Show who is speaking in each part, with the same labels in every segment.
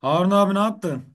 Speaker 1: Harun abi ne yaptın?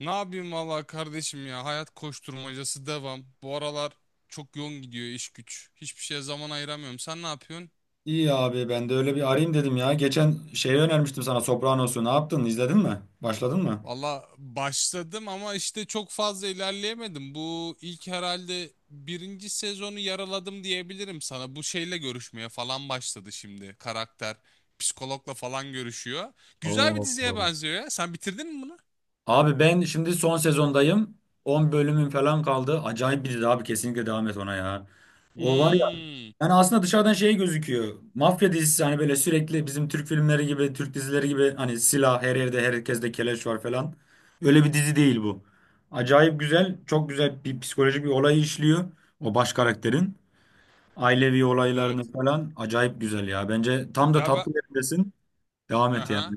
Speaker 2: Ne yapayım valla kardeşim ya hayat koşturmacası devam. Bu aralar çok yoğun gidiyor iş güç. Hiçbir şeye zaman ayıramıyorum. Sen ne yapıyorsun?
Speaker 1: İyi abi ben de öyle bir arayayım dedim ya. Geçen şeyi önermiştim sana Sopranos'u. Ne yaptın? İzledin mi? Başladın mı?
Speaker 2: Valla başladım ama işte çok fazla ilerleyemedim. Bu ilk herhalde birinci sezonu yaraladım diyebilirim sana. Bu şeyle görüşmeye falan başladı şimdi karakter. Psikologla falan görüşüyor. Güzel bir
Speaker 1: Oo.
Speaker 2: diziye benziyor ya. Sen bitirdin mi bunu?
Speaker 1: Abi ben şimdi son sezondayım. 10 bölümüm falan kaldı. Acayip bir dizi abi, kesinlikle devam et ona ya. O var ya,
Speaker 2: Hmm,
Speaker 1: yani aslında dışarıdan şey gözüküyor. Mafya dizisi, hani böyle sürekli bizim Türk filmleri gibi, Türk dizileri gibi, hani silah her yerde, herkeste keleş var falan. Öyle bir dizi değil bu. Acayip güzel, çok güzel bir psikolojik bir olayı işliyor o baş karakterin. Ailevi
Speaker 2: evet.
Speaker 1: olaylarını falan acayip güzel ya. Bence tam da
Speaker 2: Ya ben...
Speaker 1: tatlı yerindesin. Devam et yani.
Speaker 2: Aha.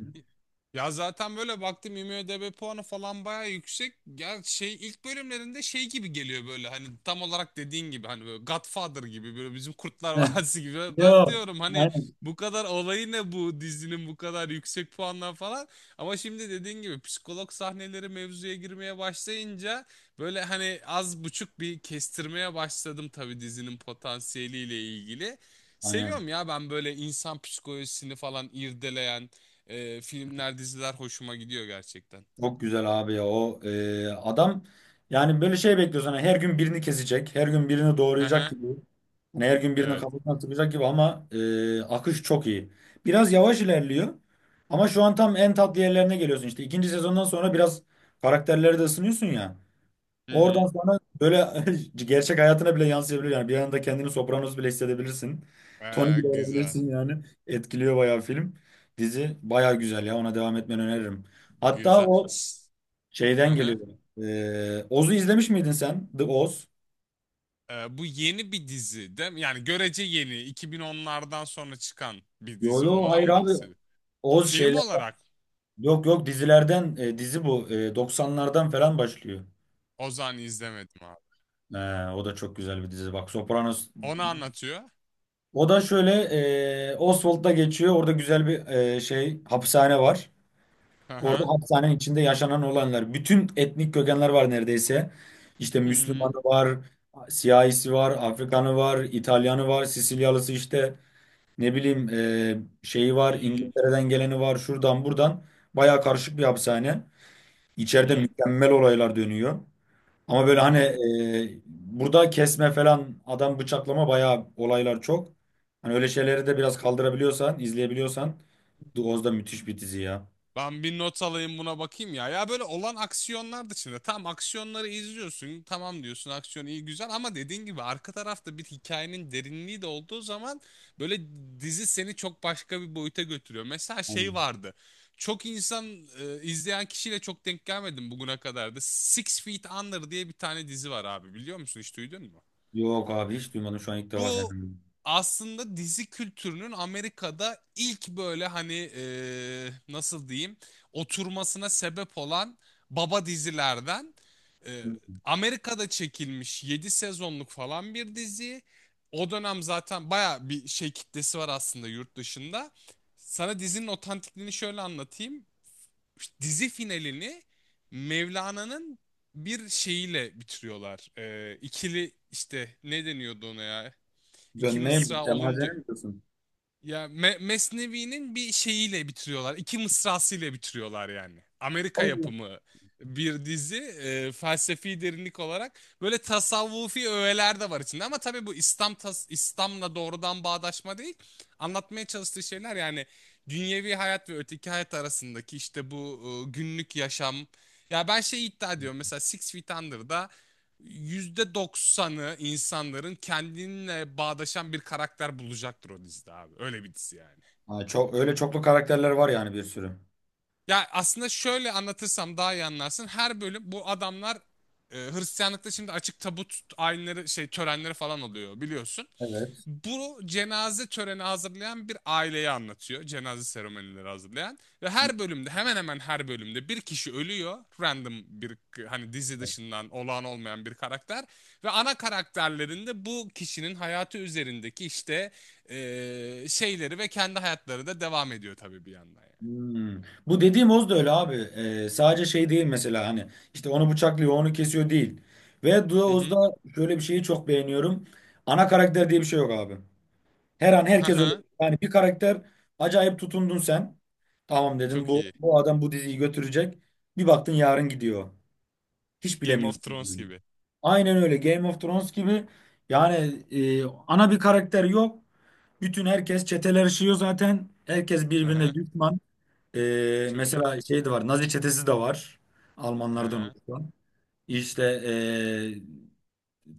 Speaker 2: Ya zaten böyle baktım IMDb puanı falan bayağı yüksek. Ya şey ilk bölümlerinde şey gibi geliyor böyle hani tam olarak dediğin gibi hani böyle Godfather gibi böyle bizim Kurtlar
Speaker 1: Heh.
Speaker 2: Vadisi gibi. Ben
Speaker 1: Yo.
Speaker 2: diyorum hani
Speaker 1: Aynen.
Speaker 2: bu kadar olayı ne bu dizinin bu kadar yüksek puanlar falan. Ama şimdi dediğin gibi psikolog sahneleri mevzuya girmeye başlayınca böyle hani az buçuk bir kestirmeye başladım tabii dizinin potansiyeliyle ilgili.
Speaker 1: Aynen.
Speaker 2: Seviyorum ya ben böyle insan psikolojisini falan irdeleyen filmler, diziler hoşuma gidiyor gerçekten.
Speaker 1: Çok güzel abi ya. O adam yani böyle şey bekliyorsun. Hani her gün birini kesecek. Her gün birini
Speaker 2: Hı
Speaker 1: doğrayacak
Speaker 2: hı.
Speaker 1: gibi. Hani her gün birinin
Speaker 2: Evet.
Speaker 1: kafasına sıkacak gibi ama akış çok iyi. Biraz yavaş ilerliyor. Ama şu an tam en tatlı yerlerine geliyorsun. İşte ikinci sezondan sonra biraz karakterleri de ısınıyorsun ya.
Speaker 2: Hı
Speaker 1: Oradan
Speaker 2: hı.
Speaker 1: sonra böyle gerçek hayatına bile yansıyabilir, yani bir anda kendini Sopranos bile hissedebilirsin. Tony bile
Speaker 2: Güzel.
Speaker 1: olabilirsin yani. Etkiliyor bayağı film. Dizi bayağı güzel ya, ona devam etmeni öneririm. Hatta
Speaker 2: Güzel.
Speaker 1: o
Speaker 2: Hı
Speaker 1: şeyden
Speaker 2: hı.
Speaker 1: geliyor. Oz'u izlemiş miydin sen? The Oz.
Speaker 2: Bu yeni bir dizi değil mi? Yani görece yeni. 2010'lardan sonra çıkan bir
Speaker 1: Yo
Speaker 2: dizi.
Speaker 1: yo
Speaker 2: Ondan
Speaker 1: hayır
Speaker 2: mı
Speaker 1: abi.
Speaker 2: bahsediyor?
Speaker 1: Oz
Speaker 2: Film
Speaker 1: şeyler.
Speaker 2: olarak
Speaker 1: Yok yok, dizilerden dizi bu. 90'lardan falan başlıyor.
Speaker 2: Ozan'ı izlemedim abi.
Speaker 1: Ee, O da çok güzel bir dizi. Bak, Sopranos.
Speaker 2: Onu anlatıyor.
Speaker 1: O da şöyle, Oswald'da geçiyor. Orada güzel bir şey hapishane var.
Speaker 2: Hı
Speaker 1: Orada
Speaker 2: hı.
Speaker 1: hapishanenin içinde yaşanan olanlar. Bütün etnik kökenler var neredeyse. İşte
Speaker 2: Hı
Speaker 1: Müslümanı
Speaker 2: hı.
Speaker 1: var, siyahisi var, Afrikanı var, İtalyanı var, Sicilyalısı, işte ne bileyim, şeyi
Speaker 2: Hı
Speaker 1: var,
Speaker 2: hı.
Speaker 1: İngiltere'den geleni var, şuradan buradan. Bayağı karışık bir hapishane.
Speaker 2: Hı
Speaker 1: İçeride
Speaker 2: hı.
Speaker 1: mükemmel olaylar dönüyor. Ama
Speaker 2: Hı
Speaker 1: böyle hani,
Speaker 2: hı.
Speaker 1: burada kesme falan, adam bıçaklama bayağı olaylar çok. Hani öyle şeyleri de biraz kaldırabiliyorsan, izleyebiliyorsan, The Oz da müthiş bir dizi ya.
Speaker 2: Ben bir not alayım buna bakayım ya. Ya böyle olan aksiyonlar dışında tam aksiyonları izliyorsun. Tamam diyorsun aksiyon iyi güzel ama dediğin gibi arka tarafta bir hikayenin derinliği de olduğu zaman böyle dizi seni çok başka bir boyuta götürüyor. Mesela şey
Speaker 1: Hani
Speaker 2: vardı. Çok insan izleyen kişiyle çok denk gelmedim bugüne kadar da. Six Feet Under diye bir tane dizi var abi biliyor musun? Hiç duydun mu?
Speaker 1: yok abi, hiç duymadım, şu an ilk defa
Speaker 2: Bu
Speaker 1: senden
Speaker 2: aslında dizi kültürünün Amerika'da ilk böyle hani nasıl diyeyim oturmasına sebep olan baba dizilerden. Eee,
Speaker 1: duydum. Hı.
Speaker 2: Amerika'da çekilmiş 7 sezonluk falan bir dizi. O dönem zaten baya bir şey kitlesi var aslında yurt dışında. Sana dizinin otantikliğini şöyle anlatayım. Dizi finalini Mevlana'nın bir şeyiyle bitiriyorlar. İkili işte ne deniyordu ona ya? İki
Speaker 1: Dönmeye, bu
Speaker 2: mısra olunca.
Speaker 1: Semazen'e mi diyorsun?
Speaker 2: Ya Mesnevi'nin bir şeyiyle bitiriyorlar. İki mısrasıyla bitiriyorlar yani. Amerika
Speaker 1: Allah.
Speaker 2: yapımı bir dizi felsefi derinlik olarak böyle tasavvufi öğeler de var içinde ama tabii bu İslam İslam'la doğrudan bağdaşma değil. Anlatmaya çalıştığı şeyler yani dünyevi hayat ve öteki hayat arasındaki işte bu günlük yaşam. Ya ben şey iddia ediyorum mesela Six Feet Under'da %90'ı insanların kendinle bağdaşan bir karakter bulacaktır o dizide abi. Öyle bir dizi yani.
Speaker 1: Ha, çok, öyle çoklu karakterler var yani, bir sürü.
Speaker 2: Ya aslında şöyle anlatırsam daha iyi anlarsın. Her bölüm bu adamlar Hristiyanlıkta şimdi açık tabut ayinleri şey törenleri falan oluyor biliyorsun.
Speaker 1: Evet.
Speaker 2: Bu cenaze töreni hazırlayan bir aileyi anlatıyor. Cenaze seremonileri hazırlayan. Ve her bölümde hemen hemen her bölümde bir kişi ölüyor. Random bir hani dizi dışından olağan olmayan bir karakter. Ve ana karakterlerinde bu kişinin hayatı üzerindeki işte şeyleri ve kendi hayatları da devam ediyor tabii bir yandan yani.
Speaker 1: Hmm. Bu dediğim Oz da öyle abi. Sadece şey değil mesela, hani işte onu bıçaklıyor, onu kesiyor değil. Ve
Speaker 2: Hı
Speaker 1: Oz'da
Speaker 2: hı.
Speaker 1: şöyle bir şeyi çok beğeniyorum. Ana karakter diye bir şey yok abi. Her an
Speaker 2: Hı
Speaker 1: herkes öyle.
Speaker 2: hı.
Speaker 1: Yani bir karakter acayip tutundun sen. Tamam dedim,
Speaker 2: Çok
Speaker 1: bu
Speaker 2: iyi.
Speaker 1: bu adam bu diziyi götürecek. Bir baktın yarın gidiyor. Hiç
Speaker 2: Game of
Speaker 1: bilemiyorsun
Speaker 2: Thrones
Speaker 1: yani.
Speaker 2: gibi.
Speaker 1: Aynen öyle, Game of Thrones gibi. Yani ana bir karakter yok. Bütün herkes çeteler işiyor zaten. Herkes birbirine
Speaker 2: Aha,
Speaker 1: düşman.
Speaker 2: çok iyi.
Speaker 1: Mesela şey de var. Nazi çetesi de var. Almanlardan
Speaker 2: Aha.
Speaker 1: oluşan. İşte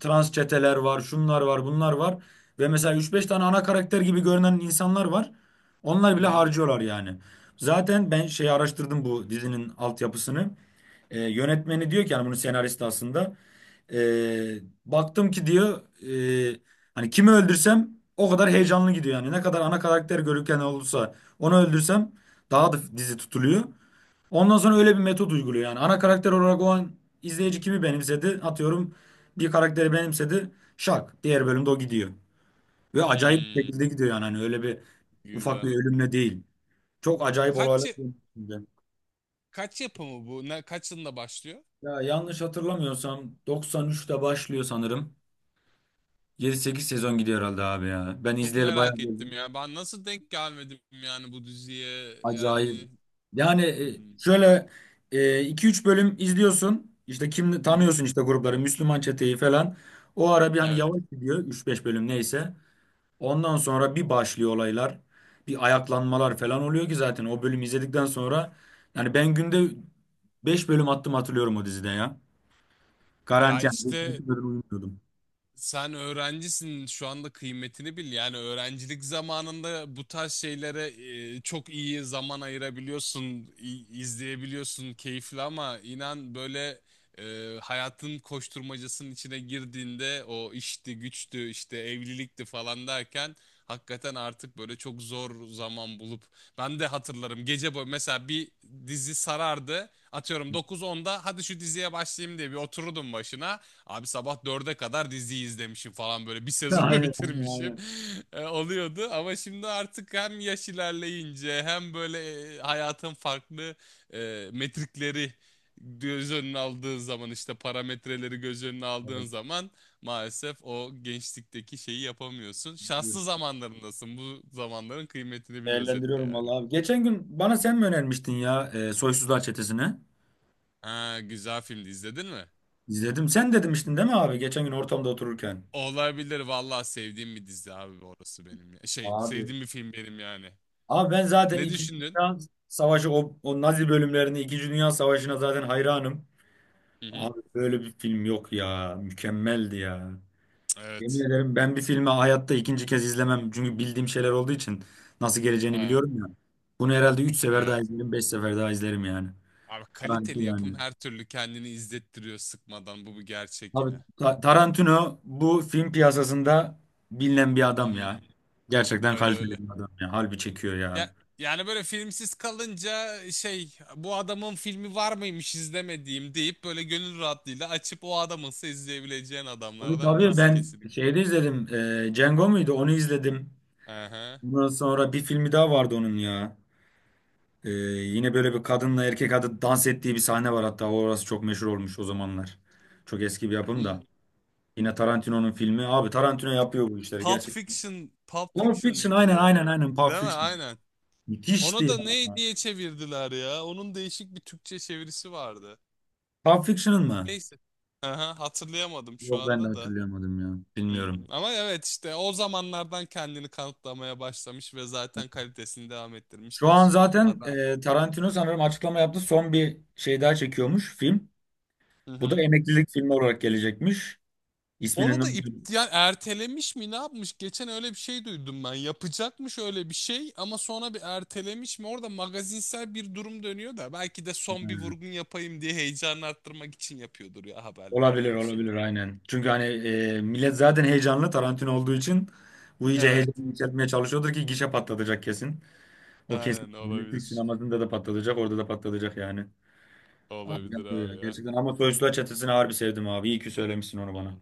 Speaker 1: trans çeteler var, şunlar var, bunlar var. Ve mesela üç beş tane ana karakter gibi görünen insanlar var. Onlar
Speaker 2: Hı
Speaker 1: bile
Speaker 2: hı.
Speaker 1: harcıyorlar yani. Zaten ben şeyi araştırdım, bu dizinin altyapısını. Yönetmeni diyor ki, yani bunun senaristi aslında. Ee, baktım ki diyor, ee, hani kimi öldürsem o kadar heyecanlı gidiyor yani. Ne kadar ana karakter görürken olursa onu öldürsem daha da dizi tutuluyor. Ondan sonra öyle bir metot uyguluyor yani. Ana karakter olarak o an izleyici kimi benimsedi? Atıyorum bir karakteri benimsedi. Şak. Diğer bölümde o gidiyor. Ve acayip bir
Speaker 2: Hmm,
Speaker 1: şekilde gidiyor yani. Hani öyle bir, ufak
Speaker 2: Güzel.
Speaker 1: bir ölümle değil. Çok acayip
Speaker 2: Kaç
Speaker 1: olaylar
Speaker 2: ya-
Speaker 1: dönüyor.
Speaker 2: kaç yapımı bu? Ne, kaç yılında başlıyor?
Speaker 1: Ya yanlış hatırlamıyorsam 93'te başlıyor sanırım. 7-8 sezon gidiyor herhalde abi ya. Ben
Speaker 2: Çok
Speaker 1: izleyeli bayağı
Speaker 2: merak
Speaker 1: bir oldu.
Speaker 2: ettim ya. Ben nasıl denk gelmedim yani bu diziye?
Speaker 1: Acayip.
Speaker 2: Yani
Speaker 1: Yani
Speaker 2: hmm,
Speaker 1: şöyle, iki üç bölüm izliyorsun. İşte kim
Speaker 2: hı hı.
Speaker 1: tanıyorsun, işte grupları, Müslüman çeteyi falan. O ara bir hani
Speaker 2: Evet.
Speaker 1: yavaş gidiyor üç beş bölüm, neyse. Ondan sonra bir başlıyor olaylar. Bir ayaklanmalar falan oluyor ki, zaten o bölümü izledikten sonra yani, ben günde 5 bölüm attım, hatırlıyorum o dizide ya.
Speaker 2: Ya
Speaker 1: Garanti yani
Speaker 2: işte
Speaker 1: 5-2 bölüm uyumuyordum.
Speaker 2: sen öğrencisin şu anda kıymetini bil. Yani öğrencilik zamanında bu tarz şeylere çok iyi zaman ayırabiliyorsun, izleyebiliyorsun keyifli ama inan böyle hayatın koşturmacasının içine girdiğinde o işti, güçtü, işte evlilikti falan derken hakikaten artık böyle çok zor zaman bulup ben de hatırlarım gece boyu mesela bir dizi sarardı atıyorum 9-10'da hadi şu diziye başlayayım diye bir otururdum başına. Abi sabah 4'e kadar dizi izlemişim falan böyle bir sezonu
Speaker 1: Aynen,
Speaker 2: bitirmişim.
Speaker 1: aynen.
Speaker 2: Oluyordu ama şimdi artık hem yaş ilerleyince hem böyle hayatın farklı metrikleri göz önüne aldığın zaman işte parametreleri göz önüne aldığın
Speaker 1: Evet.
Speaker 2: zaman maalesef o gençlikteki şeyi yapamıyorsun. Şanslı zamanlarındasın. Bu zamanların kıymetini bil özetle
Speaker 1: Değerlendiriyorum
Speaker 2: yani.
Speaker 1: vallahi abi. Geçen gün bana sen mi önermiştin ya, Soysuzlar Çetesi'ni?
Speaker 2: Ha, güzel filmdi izledin mi?
Speaker 1: İzledim. Sen de demiştin değil mi abi? Geçen gün ortamda otururken.
Speaker 2: Olabilir vallahi sevdiğim bir dizi abi orası benim ya. Şey
Speaker 1: Abi
Speaker 2: sevdiğim bir film benim yani.
Speaker 1: Abi ben zaten
Speaker 2: Ne
Speaker 1: İkinci
Speaker 2: düşündün?
Speaker 1: Dünya Savaşı, o, o Nazi bölümlerini, İkinci Dünya Savaşı'na zaten hayranım.
Speaker 2: Hı hı.
Speaker 1: Abi böyle bir film yok ya. Mükemmeldi ya. Yemin
Speaker 2: Evet.
Speaker 1: ederim, ben bir filmi hayatta ikinci kez izlemem. Çünkü bildiğim şeyler olduğu için nasıl geleceğini
Speaker 2: Ha,
Speaker 1: biliyorum ya. Bunu herhalde 3 sefer daha
Speaker 2: evet.
Speaker 1: izlerim, 5 sefer daha izlerim yani.
Speaker 2: Abi
Speaker 1: Garanti
Speaker 2: kaliteli yapım
Speaker 1: yani.
Speaker 2: her türlü kendini izlettiriyor sıkmadan. Bu bir gerçek
Speaker 1: Abi
Speaker 2: ya.
Speaker 1: Tarantino bu film piyasasında bilinen bir
Speaker 2: Hı
Speaker 1: adam
Speaker 2: hı.
Speaker 1: ya. Gerçekten
Speaker 2: Öyle
Speaker 1: kaliteli
Speaker 2: öyle.
Speaker 1: bir adam ya. Harbi çekiyor ya.
Speaker 2: Ya yani böyle filmsiz kalınca şey bu adamın filmi var mıymış izlemediğim deyip böyle gönül rahatlığıyla açıp o adamınsa izleyebileceğin
Speaker 1: Tabii
Speaker 2: adamlardan
Speaker 1: tabii,
Speaker 2: birisi
Speaker 1: ben
Speaker 2: kesinlikle.
Speaker 1: şeyde izledim. Django muydu? Onu izledim.
Speaker 2: Aha.
Speaker 1: Ondan sonra bir filmi daha vardı onun ya. Yine böyle bir kadınla erkek adı dans ettiği bir sahne var hatta. Orası çok meşhur olmuş o zamanlar. Çok eski bir yapım
Speaker 2: Hmm,
Speaker 1: da. Yine Tarantino'nun filmi. Abi Tarantino yapıyor bu işleri
Speaker 2: Pulp
Speaker 1: gerçekten.
Speaker 2: Fiction, Pulp
Speaker 1: Pulp
Speaker 2: Fiction
Speaker 1: Fiction,
Speaker 2: mıydı
Speaker 1: aynen
Speaker 2: ya?
Speaker 1: aynen aynen Pulp
Speaker 2: Değil mi?
Speaker 1: Fiction.
Speaker 2: Aynen.
Speaker 1: Müthişti
Speaker 2: Onu da
Speaker 1: ya.
Speaker 2: ne diye çevirdiler ya? Onun değişik bir Türkçe çevirisi vardı.
Speaker 1: Pulp Fiction'ın mı?
Speaker 2: Neyse. Aha, hatırlayamadım şu
Speaker 1: Yok, ben de
Speaker 2: anda da.
Speaker 1: hatırlayamadım ya. Bilmiyorum.
Speaker 2: Ama evet işte o zamanlardan kendini kanıtlamaya başlamış ve zaten kalitesini devam ettirmiş
Speaker 1: Şu an
Speaker 2: bir
Speaker 1: zaten
Speaker 2: adam.
Speaker 1: Tarantino sanırım açıklama yaptı. Son bir şey daha çekiyormuş film.
Speaker 2: Hı
Speaker 1: Bu da
Speaker 2: hı.
Speaker 1: emeklilik filmi olarak gelecekmiş. İsminin ne
Speaker 2: Onu da
Speaker 1: olduğu-
Speaker 2: iptal ertelemiş mi ne yapmış? Geçen öyle bir şey duydum ben. Yapacakmış öyle bir şey ama sonra bir ertelemiş mi? Orada magazinsel bir durum dönüyor da belki de son bir vurgun yapayım diye heyecanı arttırmak için yapıyordur ya haberleri
Speaker 1: olabilir
Speaker 2: tabii bir şey
Speaker 1: olabilir
Speaker 2: değil.
Speaker 1: aynen. Çünkü hani millet zaten heyecanlı Tarantino olduğu için bu iyice
Speaker 2: Evet.
Speaker 1: heyecanı yükseltmeye çalışıyordur ki gişe patlatacak kesin. O kesin.
Speaker 2: Aynen
Speaker 1: Yani Türk
Speaker 2: olabilir.
Speaker 1: sinemasında da patlatacak, orada da patlatacak yani. Abi
Speaker 2: Olabilir
Speaker 1: yapıyor
Speaker 2: abi
Speaker 1: ya
Speaker 2: ya.
Speaker 1: gerçekten, ama Soysuzlar Çetesi'ni harbi sevdim abi. İyi ki söylemişsin onu
Speaker 2: Hı.
Speaker 1: bana.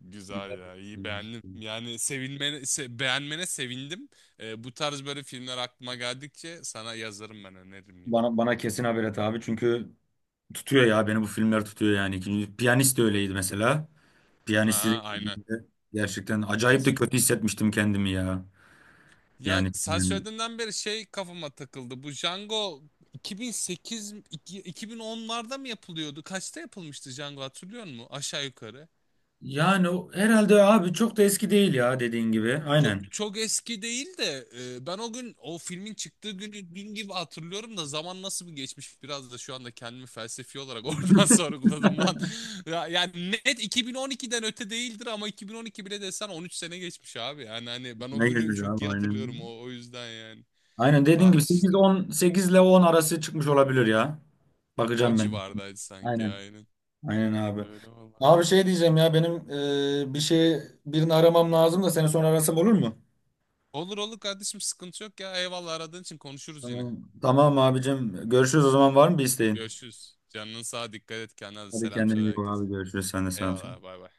Speaker 2: Güzel
Speaker 1: Güzel bir
Speaker 2: ya, iyi
Speaker 1: filmmiş.
Speaker 2: beğendim. Yani sevilmene, beğenmene sevindim. Bu tarz böyle filmler aklıma geldikçe sana yazarım ben öneririm yine.
Speaker 1: Bana kesin haber et abi, çünkü tutuyor ya, beni bu filmler tutuyor yani. İkinci- Piyanist de
Speaker 2: Hmm.
Speaker 1: öyleydi mesela. Piyanisti de
Speaker 2: Aha, aynen,
Speaker 1: izlediğimde gerçekten acayip de
Speaker 2: kesinlikle.
Speaker 1: kötü hissetmiştim kendimi ya.
Speaker 2: Ya
Speaker 1: Yani
Speaker 2: sen
Speaker 1: yani,
Speaker 2: söylediğinden beri şey kafama takıldı. Bu Django 2008, 2010'larda mı yapılıyordu? Kaçta yapılmıştı Django hatırlıyor musun? Aşağı yukarı.
Speaker 1: yani herhalde abi çok da eski değil ya, dediğin gibi.
Speaker 2: Çok,
Speaker 1: Aynen.
Speaker 2: çok eski değil de ben o gün o filmin çıktığı günü dün gibi hatırlıyorum da zaman nasıl bir geçmiş biraz da şu anda kendimi felsefi olarak oradan sorguladım lan. Ya, yani net 2012'den öte değildir ama 2012 bile desen 13 sene geçmiş abi. Yani hani ben o
Speaker 1: Ne
Speaker 2: günü
Speaker 1: gezmiş
Speaker 2: çok
Speaker 1: abi,
Speaker 2: iyi
Speaker 1: aynen.
Speaker 2: hatırlıyorum o yüzden yani.
Speaker 1: Aynen dediğin
Speaker 2: Vah
Speaker 1: gibi, sekiz
Speaker 2: işte
Speaker 1: on, 8 ile 10 arası çıkmış olabilir ya.
Speaker 2: o
Speaker 1: Bakacağım ben.
Speaker 2: civardaydı sanki
Speaker 1: Aynen.
Speaker 2: aynen.
Speaker 1: Aynen abi.
Speaker 2: Öyle vallahi.
Speaker 1: Abi şey diyeceğim ya, benim bir şey, birini aramam lazım da, seni sonra arasam olur mu?
Speaker 2: Olur olur kardeşim sıkıntı yok ya eyvallah aradığın için konuşuruz yine.
Speaker 1: Tamam. Tamam abicim. Görüşürüz o zaman, var mı bir isteğin?
Speaker 2: Görüşürüz. Canının sağa dikkat et kendine
Speaker 1: Hadi
Speaker 2: selam
Speaker 1: kendine
Speaker 2: söyle
Speaker 1: iyi bak
Speaker 2: herkese.
Speaker 1: abi. Görüşürüz. Sen de selam söyle.
Speaker 2: Eyvallah bay bay.